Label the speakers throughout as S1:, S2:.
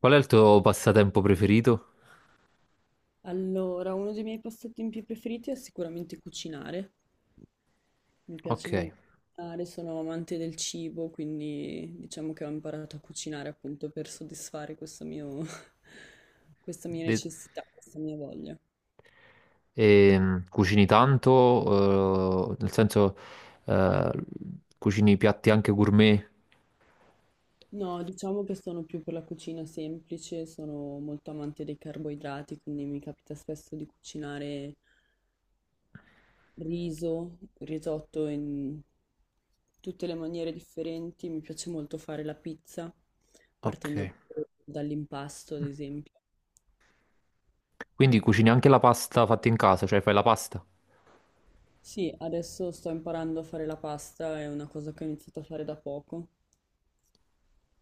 S1: Qual è il tuo passatempo preferito?
S2: Allora, uno dei miei passatempi più preferiti è sicuramente cucinare. Mi
S1: Ok.
S2: piace molto cucinare, sono amante del cibo, quindi diciamo che ho imparato a cucinare appunto per soddisfare questo mio, questa mia
S1: De-
S2: necessità, questa mia voglia.
S1: Cucini tanto, nel senso, eh, cucini piatti anche gourmet.
S2: No, diciamo che sono più per la cucina semplice, sono molto amante dei carboidrati, quindi mi capita spesso di cucinare riso, tutte le maniere differenti. Mi piace molto fare la pizza,
S1: Ok.
S2: partendo proprio dall'impasto, ad esempio.
S1: Quindi cucini anche la pasta fatta in casa, cioè fai la pasta.
S2: Sì, adesso sto imparando a fare la pasta, è una cosa che ho iniziato a fare da poco.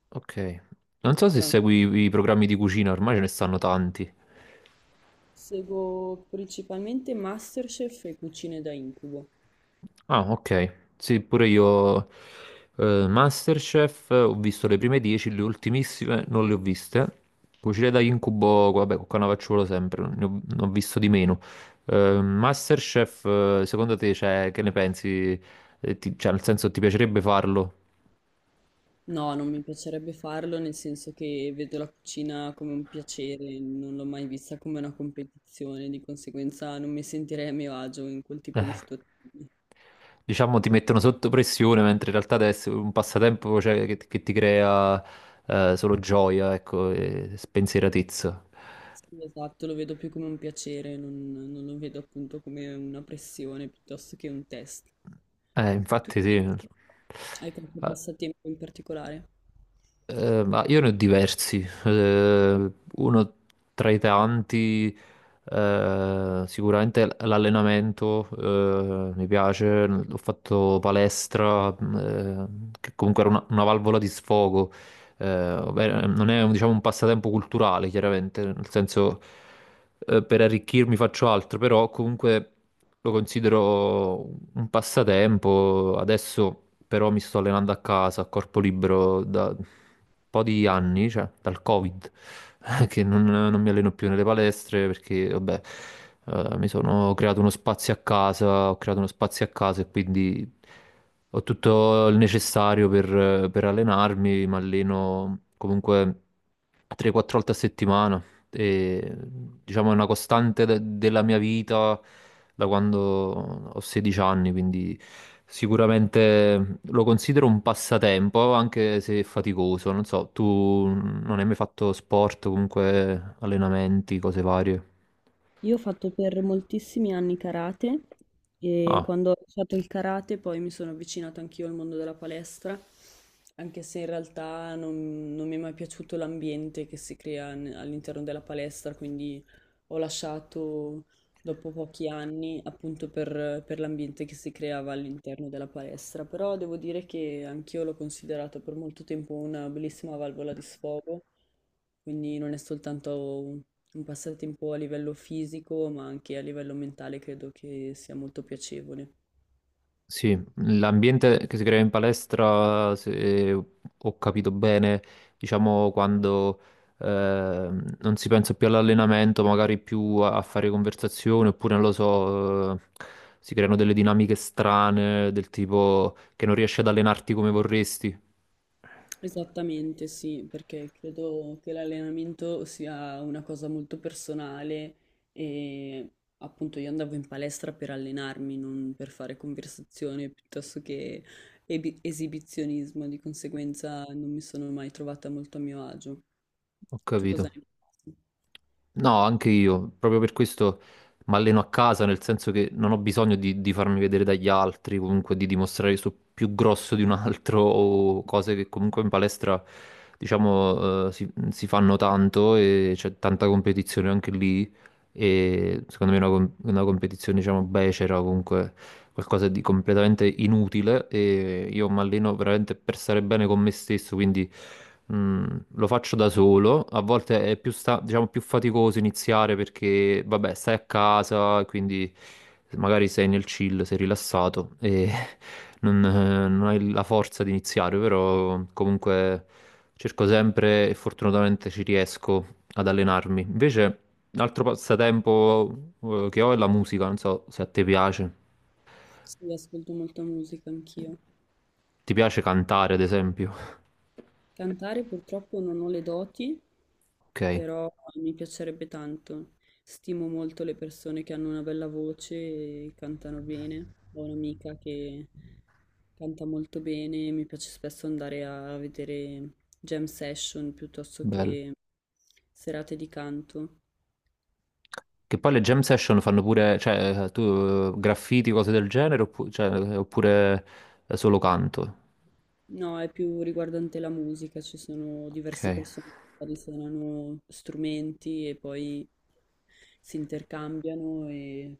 S1: Ok. Non so se
S2: Però
S1: segui i programmi di cucina, ormai ce ne stanno tanti.
S2: seguo principalmente MasterChef e cucine da incubo.
S1: Ah, ok. Sì, pure io Masterchef, ho visto le prime 10, le ultimissime non le ho viste. Cucine da incubo, vabbè, con Cannavacciuolo sempre, ne ho visto di meno. Masterchef, secondo te, cioè, che ne pensi? Cioè, nel senso, ti piacerebbe farlo?
S2: No, non mi piacerebbe farlo, nel senso che vedo la cucina come un piacere, non l'ho mai vista come una competizione, di conseguenza non mi sentirei a mio agio in quel tipo di situazioni.
S1: Diciamo, ti mettono sotto pressione, mentre in realtà adesso è un passatempo, cioè, che ti crea solo gioia, ecco, e spensieratezza.
S2: Sì, esatto, lo vedo più come un piacere, non lo vedo appunto come una pressione piuttosto che un test. Tu
S1: Infatti sì.
S2: invece hai qualche
S1: Eh,
S2: passatempo in particolare?
S1: Ma io ne ho diversi. Uno tra i tanti, sicuramente l'allenamento, mi piace. Ho fatto palestra, che comunque era una valvola di sfogo, ovvero, non è un diciamo, un passatempo culturale, chiaramente, nel senso, per arricchirmi faccio altro, però comunque lo considero un passatempo. Adesso però mi sto allenando a casa, a corpo libero, da un po' di anni, cioè dal Covid, che non, non mi alleno più nelle palestre perché, vabbè, mi sono creato uno spazio a casa, ho creato uno spazio a casa e quindi... Ho tutto il necessario per allenarmi, mi alleno comunque 3-4 volte a settimana e diciamo è una costante della mia vita da quando ho 16 anni, quindi sicuramente lo considero un passatempo, anche se faticoso. Non so, tu non hai mai fatto sport, comunque allenamenti, cose varie?
S2: Io ho fatto per moltissimi anni karate e
S1: Ah,
S2: quando ho lasciato il karate poi mi sono avvicinata anch'io al mondo della palestra, anche se in realtà non mi è mai piaciuto l'ambiente che si crea all'interno della palestra, quindi ho lasciato dopo pochi anni appunto per l'ambiente che si creava all'interno della palestra, però devo dire che anch'io l'ho considerato per molto tempo una bellissima valvola di sfogo, quindi non è soltanto un passatempo a livello fisico, ma anche a livello mentale credo che sia molto piacevole.
S1: sì, l'ambiente che si crea in palestra, se ho capito bene, diciamo quando non si pensa più all'allenamento, magari più a fare conversazione, oppure non lo so, si creano delle dinamiche strane del tipo che non riesci ad allenarti come vorresti.
S2: Esattamente, sì, perché credo che l'allenamento sia una cosa molto personale e appunto io andavo in palestra per allenarmi, non per fare conversazione piuttosto che esibizionismo, di conseguenza non mi sono mai trovata molto a mio agio.
S1: Ho
S2: Tu cosa
S1: capito.
S2: ne pensi?
S1: No, anche io, proprio per questo mi alleno a casa, nel senso che non ho bisogno di farmi vedere dagli altri, comunque di dimostrare che sono più grosso di un altro o cose che comunque in palestra, diciamo, si fanno tanto e c'è tanta competizione anche lì e secondo me è una competizione, diciamo, becera, comunque qualcosa di completamente inutile e io mi alleno veramente per stare bene con me stesso, quindi lo faccio da solo. A volte è diciamo, più faticoso iniziare perché, vabbè, stai a casa, quindi magari sei nel chill, sei rilassato e non hai la forza di iniziare, però comunque cerco sempre e fortunatamente ci riesco ad allenarmi. Invece. Un altro passatempo, che ho è la musica, non so se a te piace.
S2: Sì, ascolto molta musica anch'io.
S1: Ti piace cantare, ad esempio?
S2: Cantare purtroppo non ho le doti,
S1: Ok,
S2: però mi piacerebbe tanto. Stimo molto le persone che hanno una bella voce e cantano bene. Ho un'amica che canta molto bene, mi piace spesso andare a vedere jam session piuttosto
S1: bello.
S2: che serate di canto.
S1: Che poi le jam session fanno pure, cioè, tu, graffiti, cose del genere, cioè, oppure, solo canto.
S2: No, è più riguardante la musica, ci sono diverse
S1: Ok.
S2: persone che magari suonano strumenti e poi si intercambiano e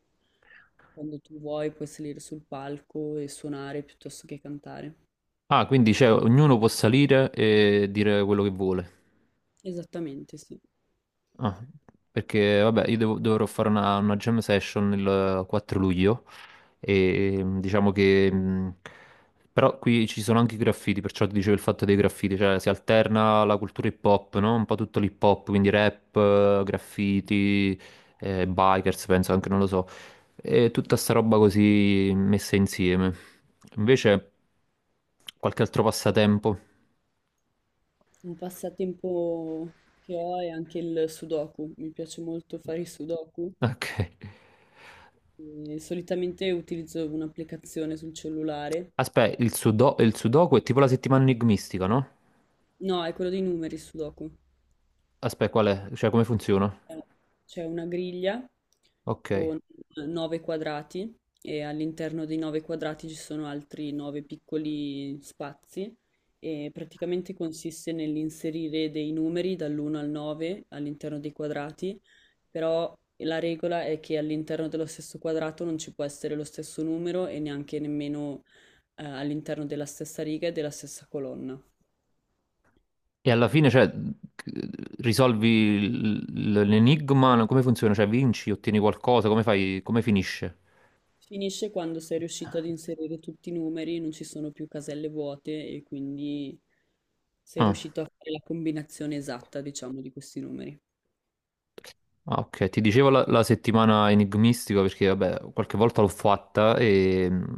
S2: quando tu vuoi puoi salire sul palco e suonare piuttosto che cantare.
S1: Ah, quindi cioè, ognuno può salire e dire quello che vuole.
S2: Esattamente, sì.
S1: Ah, perché vabbè, io dovrò fare una jam session il, 4 luglio e mm, diciamo che... Però qui ci sono anche i graffiti, perciò ti dicevo il fatto dei graffiti, cioè si alterna la cultura hip hop, no? Un po' tutto l'hip hop, quindi rap, graffiti, bikers, penso anche, non lo so. E tutta sta roba così messa insieme. Invece, qualche altro passatempo.
S2: Un passatempo che ho è anche il sudoku, mi piace molto fare i sudoku.
S1: Ok.
S2: E solitamente utilizzo un'applicazione sul cellulare.
S1: Aspetta, il il sudoku è tipo la settimana enigmistica, no?
S2: No, è quello dei numeri, il sudoku.
S1: Aspetta, qual è? Cioè, come funziona?
S2: Eh, C'è una griglia
S1: Ok.
S2: con 9 quadrati e all'interno dei 9 quadrati ci sono altri 9 piccoli spazi e praticamente consiste nell'inserire dei numeri dall'1 al 9 all'interno dei quadrati, però la regola è che all'interno dello stesso quadrato non ci può essere lo stesso numero e neanche nemmeno all'interno della stessa riga e della stessa colonna.
S1: E alla fine, cioè, risolvi l'enigma? Come funziona? Cioè, vinci, ottieni qualcosa? Come fai? Come finisce?
S2: Finisce quando sei riuscito ad inserire tutti i numeri, non ci sono più caselle vuote e quindi sei
S1: Ah.
S2: riuscito a fare la combinazione esatta, diciamo, di questi numeri.
S1: Ah, ok, ti dicevo la settimana enigmistica perché vabbè, qualche volta l'ho fatta e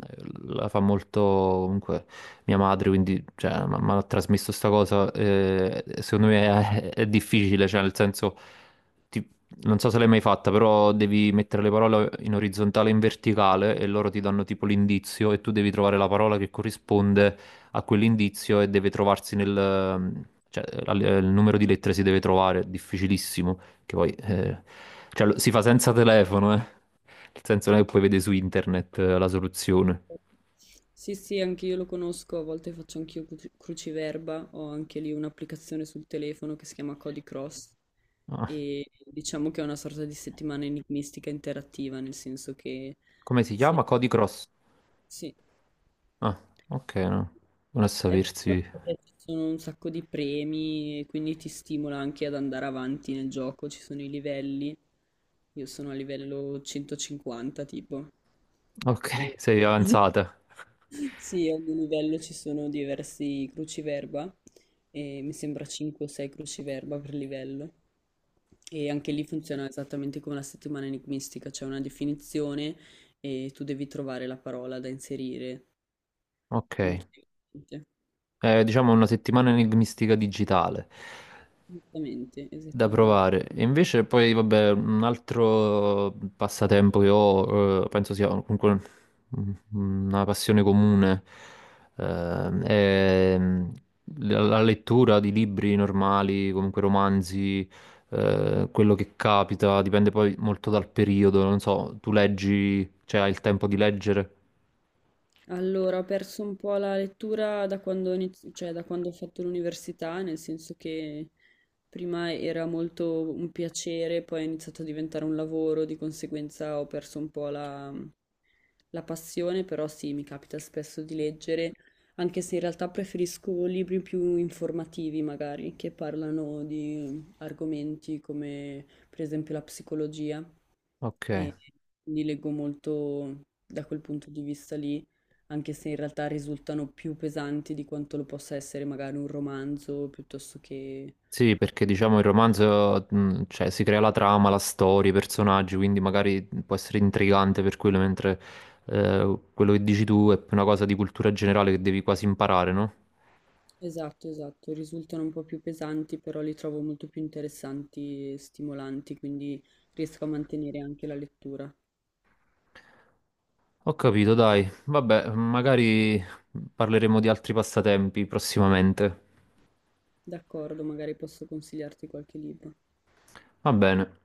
S1: la fa molto comunque mia madre, quindi cioè, mi ha trasmesso sta cosa, secondo me è difficile, cioè nel senso, ti- non so se l'hai mai fatta, però devi mettere le parole in orizzontale e in verticale e loro ti danno tipo l'indizio e tu devi trovare la parola che corrisponde a quell'indizio e deve trovarsi nel... il numero di lettere si deve trovare, è difficilissimo. Che poi cioè, si fa senza telefono, eh. Nel senso non è che poi vede su internet, la soluzione.
S2: Sì, sì, anche io lo conosco, a volte faccio anch'io cruciverba, ho anche lì un'applicazione sul telefono che si chiama Cody Cross
S1: Ah,
S2: e diciamo che è una sorta di settimana enigmistica interattiva, nel senso che
S1: come si
S2: se...
S1: chiama? Cody Cross.
S2: sì.
S1: Ah, ok, no. Non a
S2: È bello
S1: sapersi.
S2: perché ci sono un sacco di premi, e quindi ti stimola anche ad andare avanti nel gioco, ci sono i livelli. Io sono a livello 150 tipo. E...
S1: Ok, sei avanzata.
S2: sì, a ogni livello ci sono diversi cruciverba, e mi sembra 5 o 6 cruciverba per livello. E anche lì funziona esattamente come la settimana enigmistica, c'è una definizione e tu devi trovare la parola da inserire.
S1: Ok.
S2: Molto divertente.
S1: Diciamo una settimana enigmistica digitale.
S2: Esattamente,
S1: Da
S2: esattamen.
S1: provare. E invece poi, vabbè, un altro passatempo che ho, penso sia comunque una passione comune, è la lettura di libri normali, comunque romanzi, quello che capita, dipende poi molto dal periodo, non so, tu leggi, cioè hai il tempo di leggere?
S2: Allora, ho perso un po' la lettura da quando cioè, da quando ho fatto l'università, nel senso che prima era molto un piacere, poi è iniziato a diventare un lavoro, di conseguenza ho perso un po' la passione, però sì, mi capita spesso di leggere, anche se in realtà preferisco libri più informativi, magari, che parlano di argomenti come per esempio la psicologia,
S1: Ok.
S2: e quindi leggo molto da quel punto di vista lì anche se in realtà risultano più pesanti di quanto lo possa essere magari un romanzo piuttosto che...
S1: Sì, perché diciamo il romanzo, cioè, si crea la trama, la storia, i personaggi, quindi magari mhmm, può essere intrigante per quello, mentre quello che dici tu è una cosa di cultura generale che devi quasi imparare, no?
S2: Esatto, esatto, risultano un po' più pesanti, però li trovo molto più interessanti e stimolanti, quindi riesco a mantenere anche la lettura.
S1: Ho capito, dai. Vabbè, magari mhmm, parleremo di altri passatempi prossimamente.
S2: D'accordo, magari posso consigliarti qualche libro.
S1: Va bene.